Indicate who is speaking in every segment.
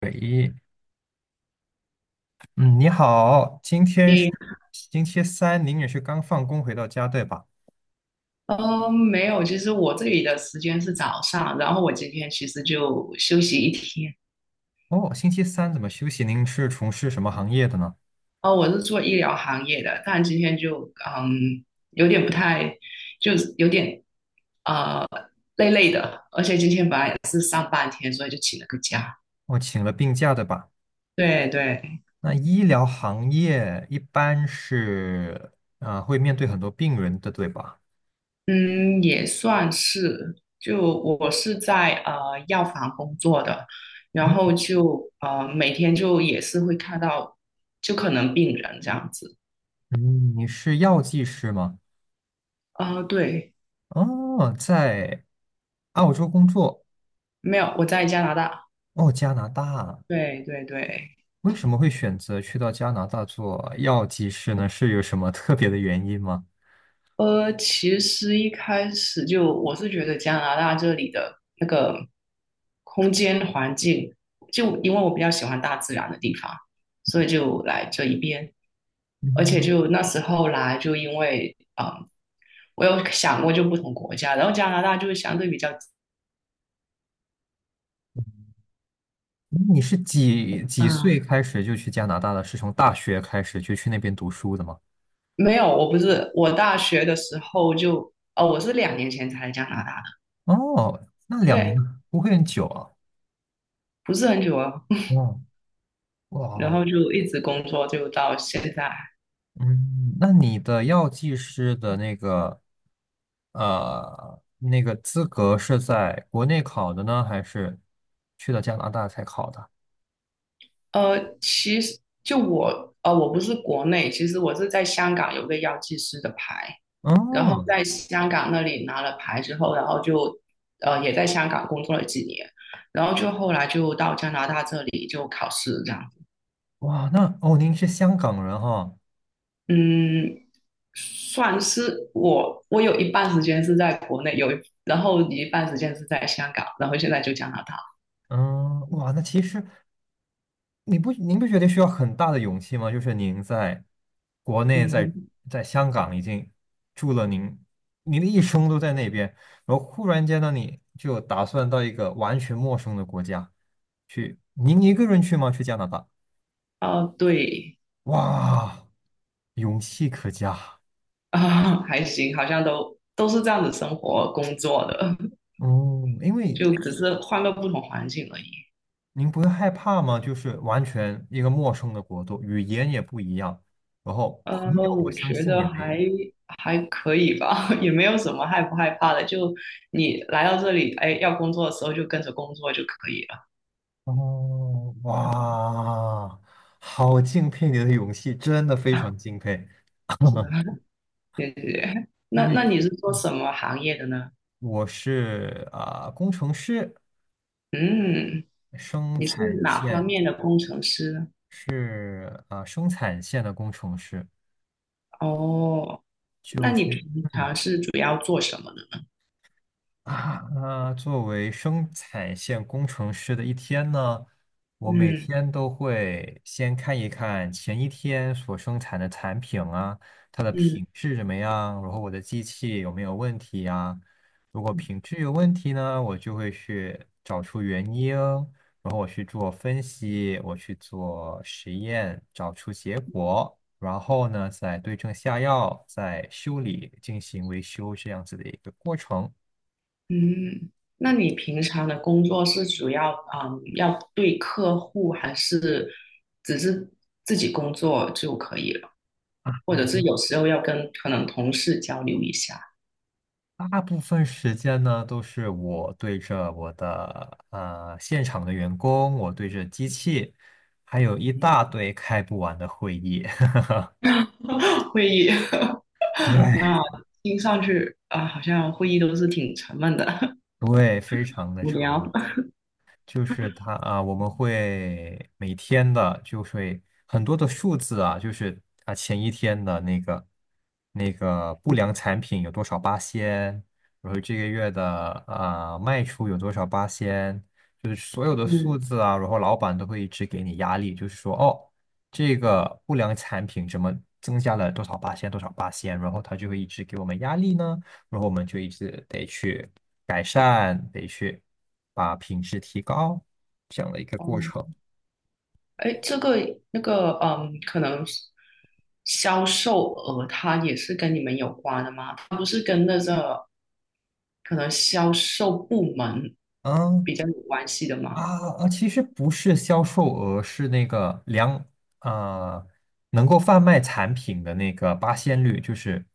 Speaker 1: 喂，嗯，你好，今天是
Speaker 2: 诶，
Speaker 1: 星期三，您也是刚放工回到家，对吧？
Speaker 2: 没有，其实我这里的时间是早上，然后我今天其实就休息一天。
Speaker 1: 哦，星期三怎么休息？您是从事什么行业的呢？
Speaker 2: 哦，我是做医疗行业的，但今天就有点不太，就是有点呃累累的，而且今天本来也是上半天，所以就请了个假。
Speaker 1: 哦，请了病假，对吧？
Speaker 2: 对对，
Speaker 1: 那医疗行业一般是会面对很多病人的，对吧？
Speaker 2: 嗯，也算是，就我是在药房工作的，然
Speaker 1: 嗯
Speaker 2: 后就每天就也是会看到，就可能病人这样子。
Speaker 1: 嗯，你是药剂师吗？
Speaker 2: 啊、对，
Speaker 1: 哦，在澳洲工作。
Speaker 2: 没有，我在加拿大。
Speaker 1: 哦，加拿大，
Speaker 2: 对对对，
Speaker 1: 为什么会选择去到加拿大做药剂师呢？是有什么特别的原因吗？
Speaker 2: 其实一开始就我是觉得加拿大这里的那个空间环境，就因为我比较喜欢大自然的地方，所以就来这一边。而且
Speaker 1: 嗯，
Speaker 2: 就那时候来，就因为啊，我有想过就不同国家，然后加拿大就是相对比较
Speaker 1: 那你是几几岁
Speaker 2: 嗯，
Speaker 1: 开始就去加拿大的？是从大学开始就去那边读书的吗？
Speaker 2: 没有，我不是，我大学的时候就我是2年前才来加拿大的，
Speaker 1: 哦，那两年
Speaker 2: 对，
Speaker 1: 不会很久啊。
Speaker 2: 不是很久啊。
Speaker 1: 哦，
Speaker 2: 然
Speaker 1: 哇，
Speaker 2: 后就一直工作，就到现在。
Speaker 1: 嗯，那你的药剂师的那个那个资格是在国内考的呢，还是去了加拿大才考的？
Speaker 2: 其实就我，我不是国内，其实我是在香港有个药剂师的牌，然后
Speaker 1: 哦，
Speaker 2: 在香港那里拿了牌之后，然后就也在香港工作了几年，然后就后来就到加拿大这里就考试这样子。
Speaker 1: 哇，那哦，您是香港人哈、
Speaker 2: 嗯，算是我有一半时间是在国内，然后一半时间是在香港，然后现在就加拿大。
Speaker 1: 嗯，哇，那其实。你不您不觉得需要很大的勇气吗？就是您在国内
Speaker 2: 嗯
Speaker 1: 在
Speaker 2: 哼，
Speaker 1: 在香港已经住了您的一生都在那边，然后忽然间呢，你就打算到一个完全陌生的国家去，您一个人去吗？去加拿大？
Speaker 2: 哦，对。
Speaker 1: 哇，勇气可嘉。
Speaker 2: 啊，还行，好像都是这样子生活工作的，
Speaker 1: 嗯，因为
Speaker 2: 就只是换个不同环境而已。
Speaker 1: 您不会害怕吗？就是完全一个陌生的国度，语言也不一样，然后朋友
Speaker 2: 我
Speaker 1: 我相
Speaker 2: 觉
Speaker 1: 信
Speaker 2: 得
Speaker 1: 也没
Speaker 2: 还
Speaker 1: 有。
Speaker 2: 还可以吧，也没有什么害不害怕的。就你来到这里，哎，要工作的时候就跟着工作就可以了。
Speaker 1: 哦，
Speaker 2: 嗯，
Speaker 1: 哇，好敬佩你的勇气，真的 非
Speaker 2: 啊
Speaker 1: 常敬佩。
Speaker 2: 是的，谢谢。
Speaker 1: 因
Speaker 2: 那
Speaker 1: 为
Speaker 2: 你是做
Speaker 1: 嗯
Speaker 2: 什么行业的呢？
Speaker 1: 我是工程师，
Speaker 2: 嗯，
Speaker 1: 生
Speaker 2: 你是
Speaker 1: 产
Speaker 2: 哪方
Speaker 1: 线
Speaker 2: 面的工程师呢？
Speaker 1: 生产线的工程师，
Speaker 2: 哦，那
Speaker 1: 就
Speaker 2: 你平
Speaker 1: 是嗯
Speaker 2: 常是主要做什么呢？
Speaker 1: 那作为生产线工程师的一天呢，我每
Speaker 2: 嗯
Speaker 1: 天都会先看一看前一天所生产的产品啊，它的品
Speaker 2: 嗯
Speaker 1: 质怎么样，然后我的机器有没有问题啊？如果
Speaker 2: 嗯
Speaker 1: 品质有问题呢，我就会去找出原因，然后我去做分析，我去做实验，找出结果，然后呢，再对症下药，再修理，进行维修这样子的一个过程。
Speaker 2: 嗯，那你平常的工作是主要要对客户，还是只是自己工作就可以了？或者是有时候要跟可能同事交流一下
Speaker 1: 大部分时间呢，都是我对着我的现场的员工，我对着机器，还有一
Speaker 2: 嗯
Speaker 1: 大堆开不完的会议。
Speaker 2: 会议？
Speaker 1: 对
Speaker 2: 那听上去啊，好像会议都是挺沉闷的，
Speaker 1: 对，非常 的
Speaker 2: 无
Speaker 1: 沉闷。
Speaker 2: 聊。
Speaker 1: 就是他啊，我们会每天的，就是会很多的数字啊，就是啊前一天的那个那个不良产品有多少八仙，然后这个月的啊卖出有多少八仙，就是所 有的数
Speaker 2: 嗯，
Speaker 1: 字啊，然后老板都会一直给你压力，就是说哦，这个不良产品怎么增加了多少八仙多少八仙，然后他就会一直给我们压力呢。然后我们就一直得去改善，得去把品质提高，这样的一个
Speaker 2: 哦
Speaker 1: 过程。
Speaker 2: 哎，这个那个，可能是销售额它也是跟你们有关的吗？它不是跟那个可能销售部门
Speaker 1: 嗯
Speaker 2: 比较有关系的
Speaker 1: 啊
Speaker 2: 吗？
Speaker 1: 其实不是销售额，是那个量啊，能够贩卖产品的那个八仙率，就是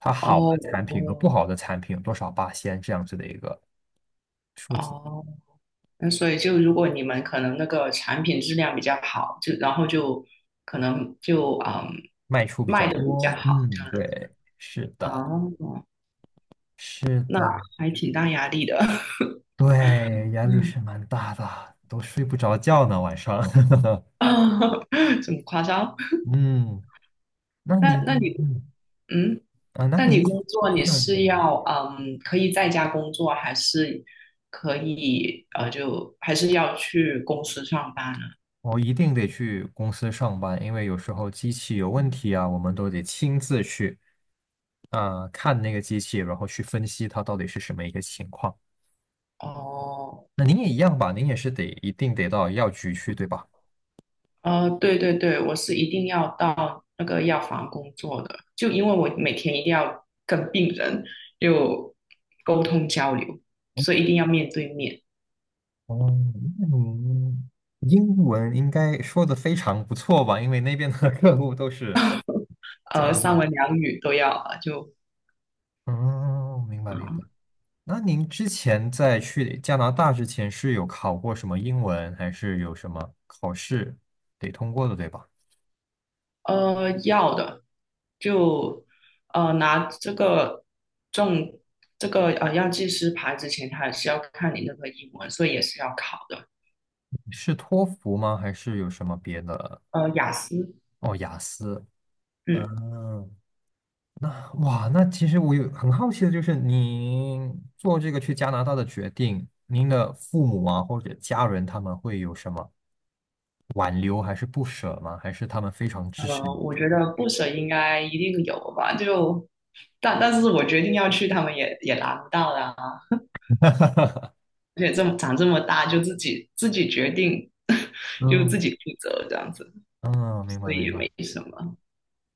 Speaker 1: 它好的
Speaker 2: 哦
Speaker 1: 产品和
Speaker 2: 哦
Speaker 1: 不好的产品有多少八仙这样子的一个数字，
Speaker 2: 哦，那所以就如果你们可能那个产品质量比较好，就然后就可能就
Speaker 1: 卖出比
Speaker 2: 卖
Speaker 1: 较
Speaker 2: 的比较
Speaker 1: 多。
Speaker 2: 好。
Speaker 1: 嗯，对，是的，
Speaker 2: 哦，
Speaker 1: 是
Speaker 2: 那
Speaker 1: 的，
Speaker 2: 还挺大压力的，
Speaker 1: 对，压力
Speaker 2: 嗯，
Speaker 1: 是蛮大的，都睡不着觉呢，晚上。
Speaker 2: 这么夸张？
Speaker 1: 嗯，那
Speaker 2: 那
Speaker 1: 你
Speaker 2: 那你
Speaker 1: 嗯
Speaker 2: 嗯。
Speaker 1: 啊，那
Speaker 2: 那你
Speaker 1: 你
Speaker 2: 工作
Speaker 1: 这
Speaker 2: 你
Speaker 1: 样的
Speaker 2: 是
Speaker 1: 吗，
Speaker 2: 要可以在家工作，还是可以就还是要去公司上班呢？
Speaker 1: 我一定得去公司上班，因为有时候机器有问题啊，我们都得亲自去看那个机器，然后去分析它到底是什么一个情况。
Speaker 2: 哦，
Speaker 1: 那您也一样吧，您也是得一定得到药局去，对吧？
Speaker 2: 对对对，我是一定要到那个药房工作的，就因为我每天一定要跟病人就沟通交流，所以一定要面对面，
Speaker 1: 哦，那您英文应该说的非常不错吧？因为那边的 客户都是加拿大
Speaker 2: 三
Speaker 1: 的。
Speaker 2: 文两语都要，就
Speaker 1: 哦，明白
Speaker 2: 啊。
Speaker 1: 明白。
Speaker 2: 嗯
Speaker 1: 那您之前在去加拿大之前是有考过什么英文，还是有什么考试得通过的，对吧？
Speaker 2: 要的，就拿这个证，这个药剂师牌之前，他还是要看你那个英文，所以也是要考的。
Speaker 1: 是托福吗？还是有什么别的？
Speaker 2: 雅思，
Speaker 1: 哦，雅思。
Speaker 2: 嗯，
Speaker 1: 嗯，那哇，那其实我有很好奇的就是，您做这个去加拿大的决定，您的父母啊或者家人他们会有什么挽留还是不舍吗？还是他们非常支持你的
Speaker 2: 我
Speaker 1: 决
Speaker 2: 觉
Speaker 1: 定？
Speaker 2: 得不舍应该一定有吧，就但是我决定要去，他们也拿不到的啊。而且这么长这么大，就自己决定，就自
Speaker 1: 嗯，
Speaker 2: 己负责这样子，
Speaker 1: 嗯，明白明白。
Speaker 2: 没什么。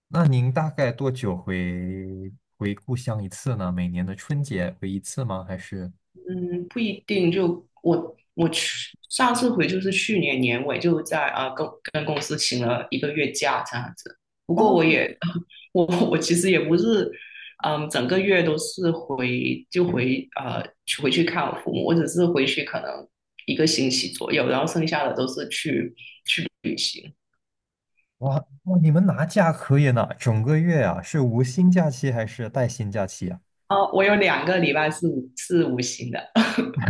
Speaker 1: 那您大概多久回故乡一次呢？每年的春节回一次吗？还是？
Speaker 2: 嗯，不一定。就我去上次回就是去年年尾，就在啊、跟公司请了1个月假这样子。不
Speaker 1: 哦，
Speaker 2: 过我也 我我其实也不是，嗯，整个月都是回去看我父母，我只是回去可能1个星期左右，然后剩下的都是去旅行。
Speaker 1: 哇，哇，你们拿假可以呢，整个月啊，是无薪假期还是带薪假期啊？
Speaker 2: 哦，我有2个礼拜是无薪的。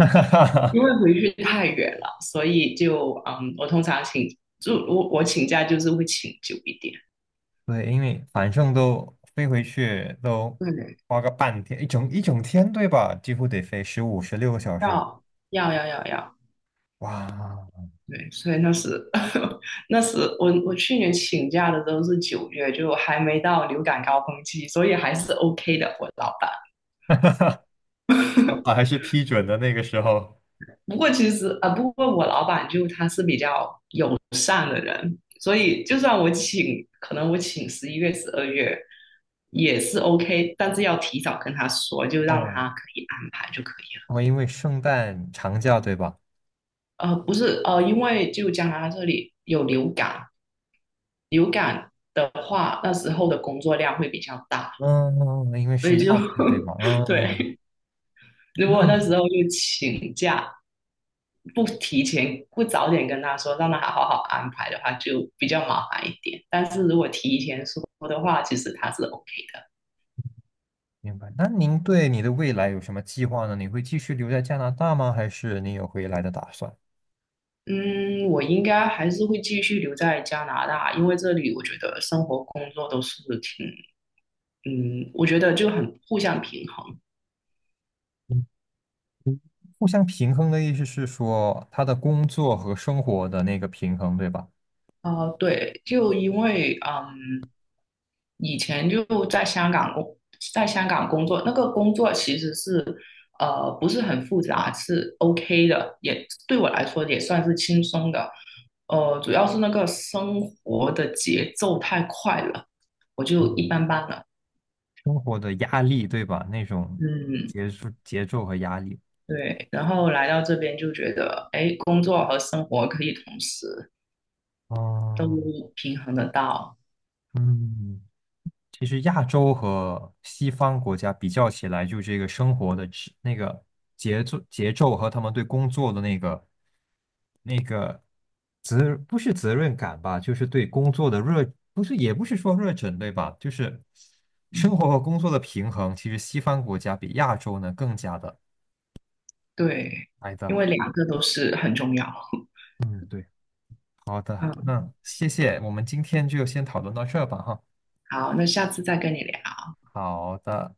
Speaker 2: 因为回去太远了，所以就我我请假就是会请久一点，
Speaker 1: 对，因为反正都飞回去都
Speaker 2: 对，
Speaker 1: 花个半天，一整天，对吧？几乎得飞15、16个小时。
Speaker 2: 要要要要要，
Speaker 1: 哇
Speaker 2: 对，所以那时 那时我去年请假的时候是9月，就还没到流感高峰期，所以还是 OK 的，我老板。
Speaker 1: 啊还是批准的那个时候。
Speaker 2: 不过其实不过我老板就他是比较友善的人，所以就算我请，可能我请11月、12月也是 OK，但是要提早跟他说，就让
Speaker 1: 哦，
Speaker 2: 他可以安排就可以
Speaker 1: 我因为圣诞长假，对吧？
Speaker 2: 了。不是因为就加拿大这里有流感，流感的话那时候的工作量会比较大，
Speaker 1: 嗯，因为
Speaker 2: 所
Speaker 1: 是
Speaker 2: 以就
Speaker 1: 药剂，对吧？嗯，
Speaker 2: 对，如果那
Speaker 1: 那
Speaker 2: 时候就请假不提前不早点跟他说，让他好好安排的话，就比较麻烦一点。但是如果提前说的话，其实他是 OK 的。
Speaker 1: 明白。那您对你的未来有什么计划呢？你会继续留在加拿大吗？还是你有回来的打算？
Speaker 2: 嗯，我应该还是会继续留在加拿大，因为这里我觉得生活、工作都是挺，嗯，我觉得就很互相平衡。
Speaker 1: 嗯，互相平衡的意思是说，他的工作和生活的那个平衡，对吧？
Speaker 2: 啊、对，就因为以前就在香港工作，那个工作其实是不是很复杂，是 OK 的，也对我来说也算是轻松的。主要是那个生活的节奏太快了，我就一
Speaker 1: 嗯，
Speaker 2: 般般了。
Speaker 1: 生活的压力，对吧？那种
Speaker 2: 嗯，
Speaker 1: 节奏、节奏和压力。
Speaker 2: 对。然后来到这边就觉得，哎，工作和生活可以同时都
Speaker 1: 哦，
Speaker 2: 平衡得到。
Speaker 1: 嗯，其实亚洲和西方国家比较起来，就这个生活的质那个节奏、节奏和他们对工作的那个责不是责任感吧，就是对工作的热，不是也不是说热忱，对吧？就是
Speaker 2: 嗯，
Speaker 1: 生活和工作的平衡，其实西方国家比亚洲呢更加的
Speaker 2: 对，
Speaker 1: 来
Speaker 2: 因为
Speaker 1: 的。
Speaker 2: 两个都是很重要。
Speaker 1: 嗯，对，好的，
Speaker 2: 嗯，
Speaker 1: 那谢谢，我们今天就先讨论到这儿吧，哈。
Speaker 2: 好，那下次再跟你聊。
Speaker 1: 好的。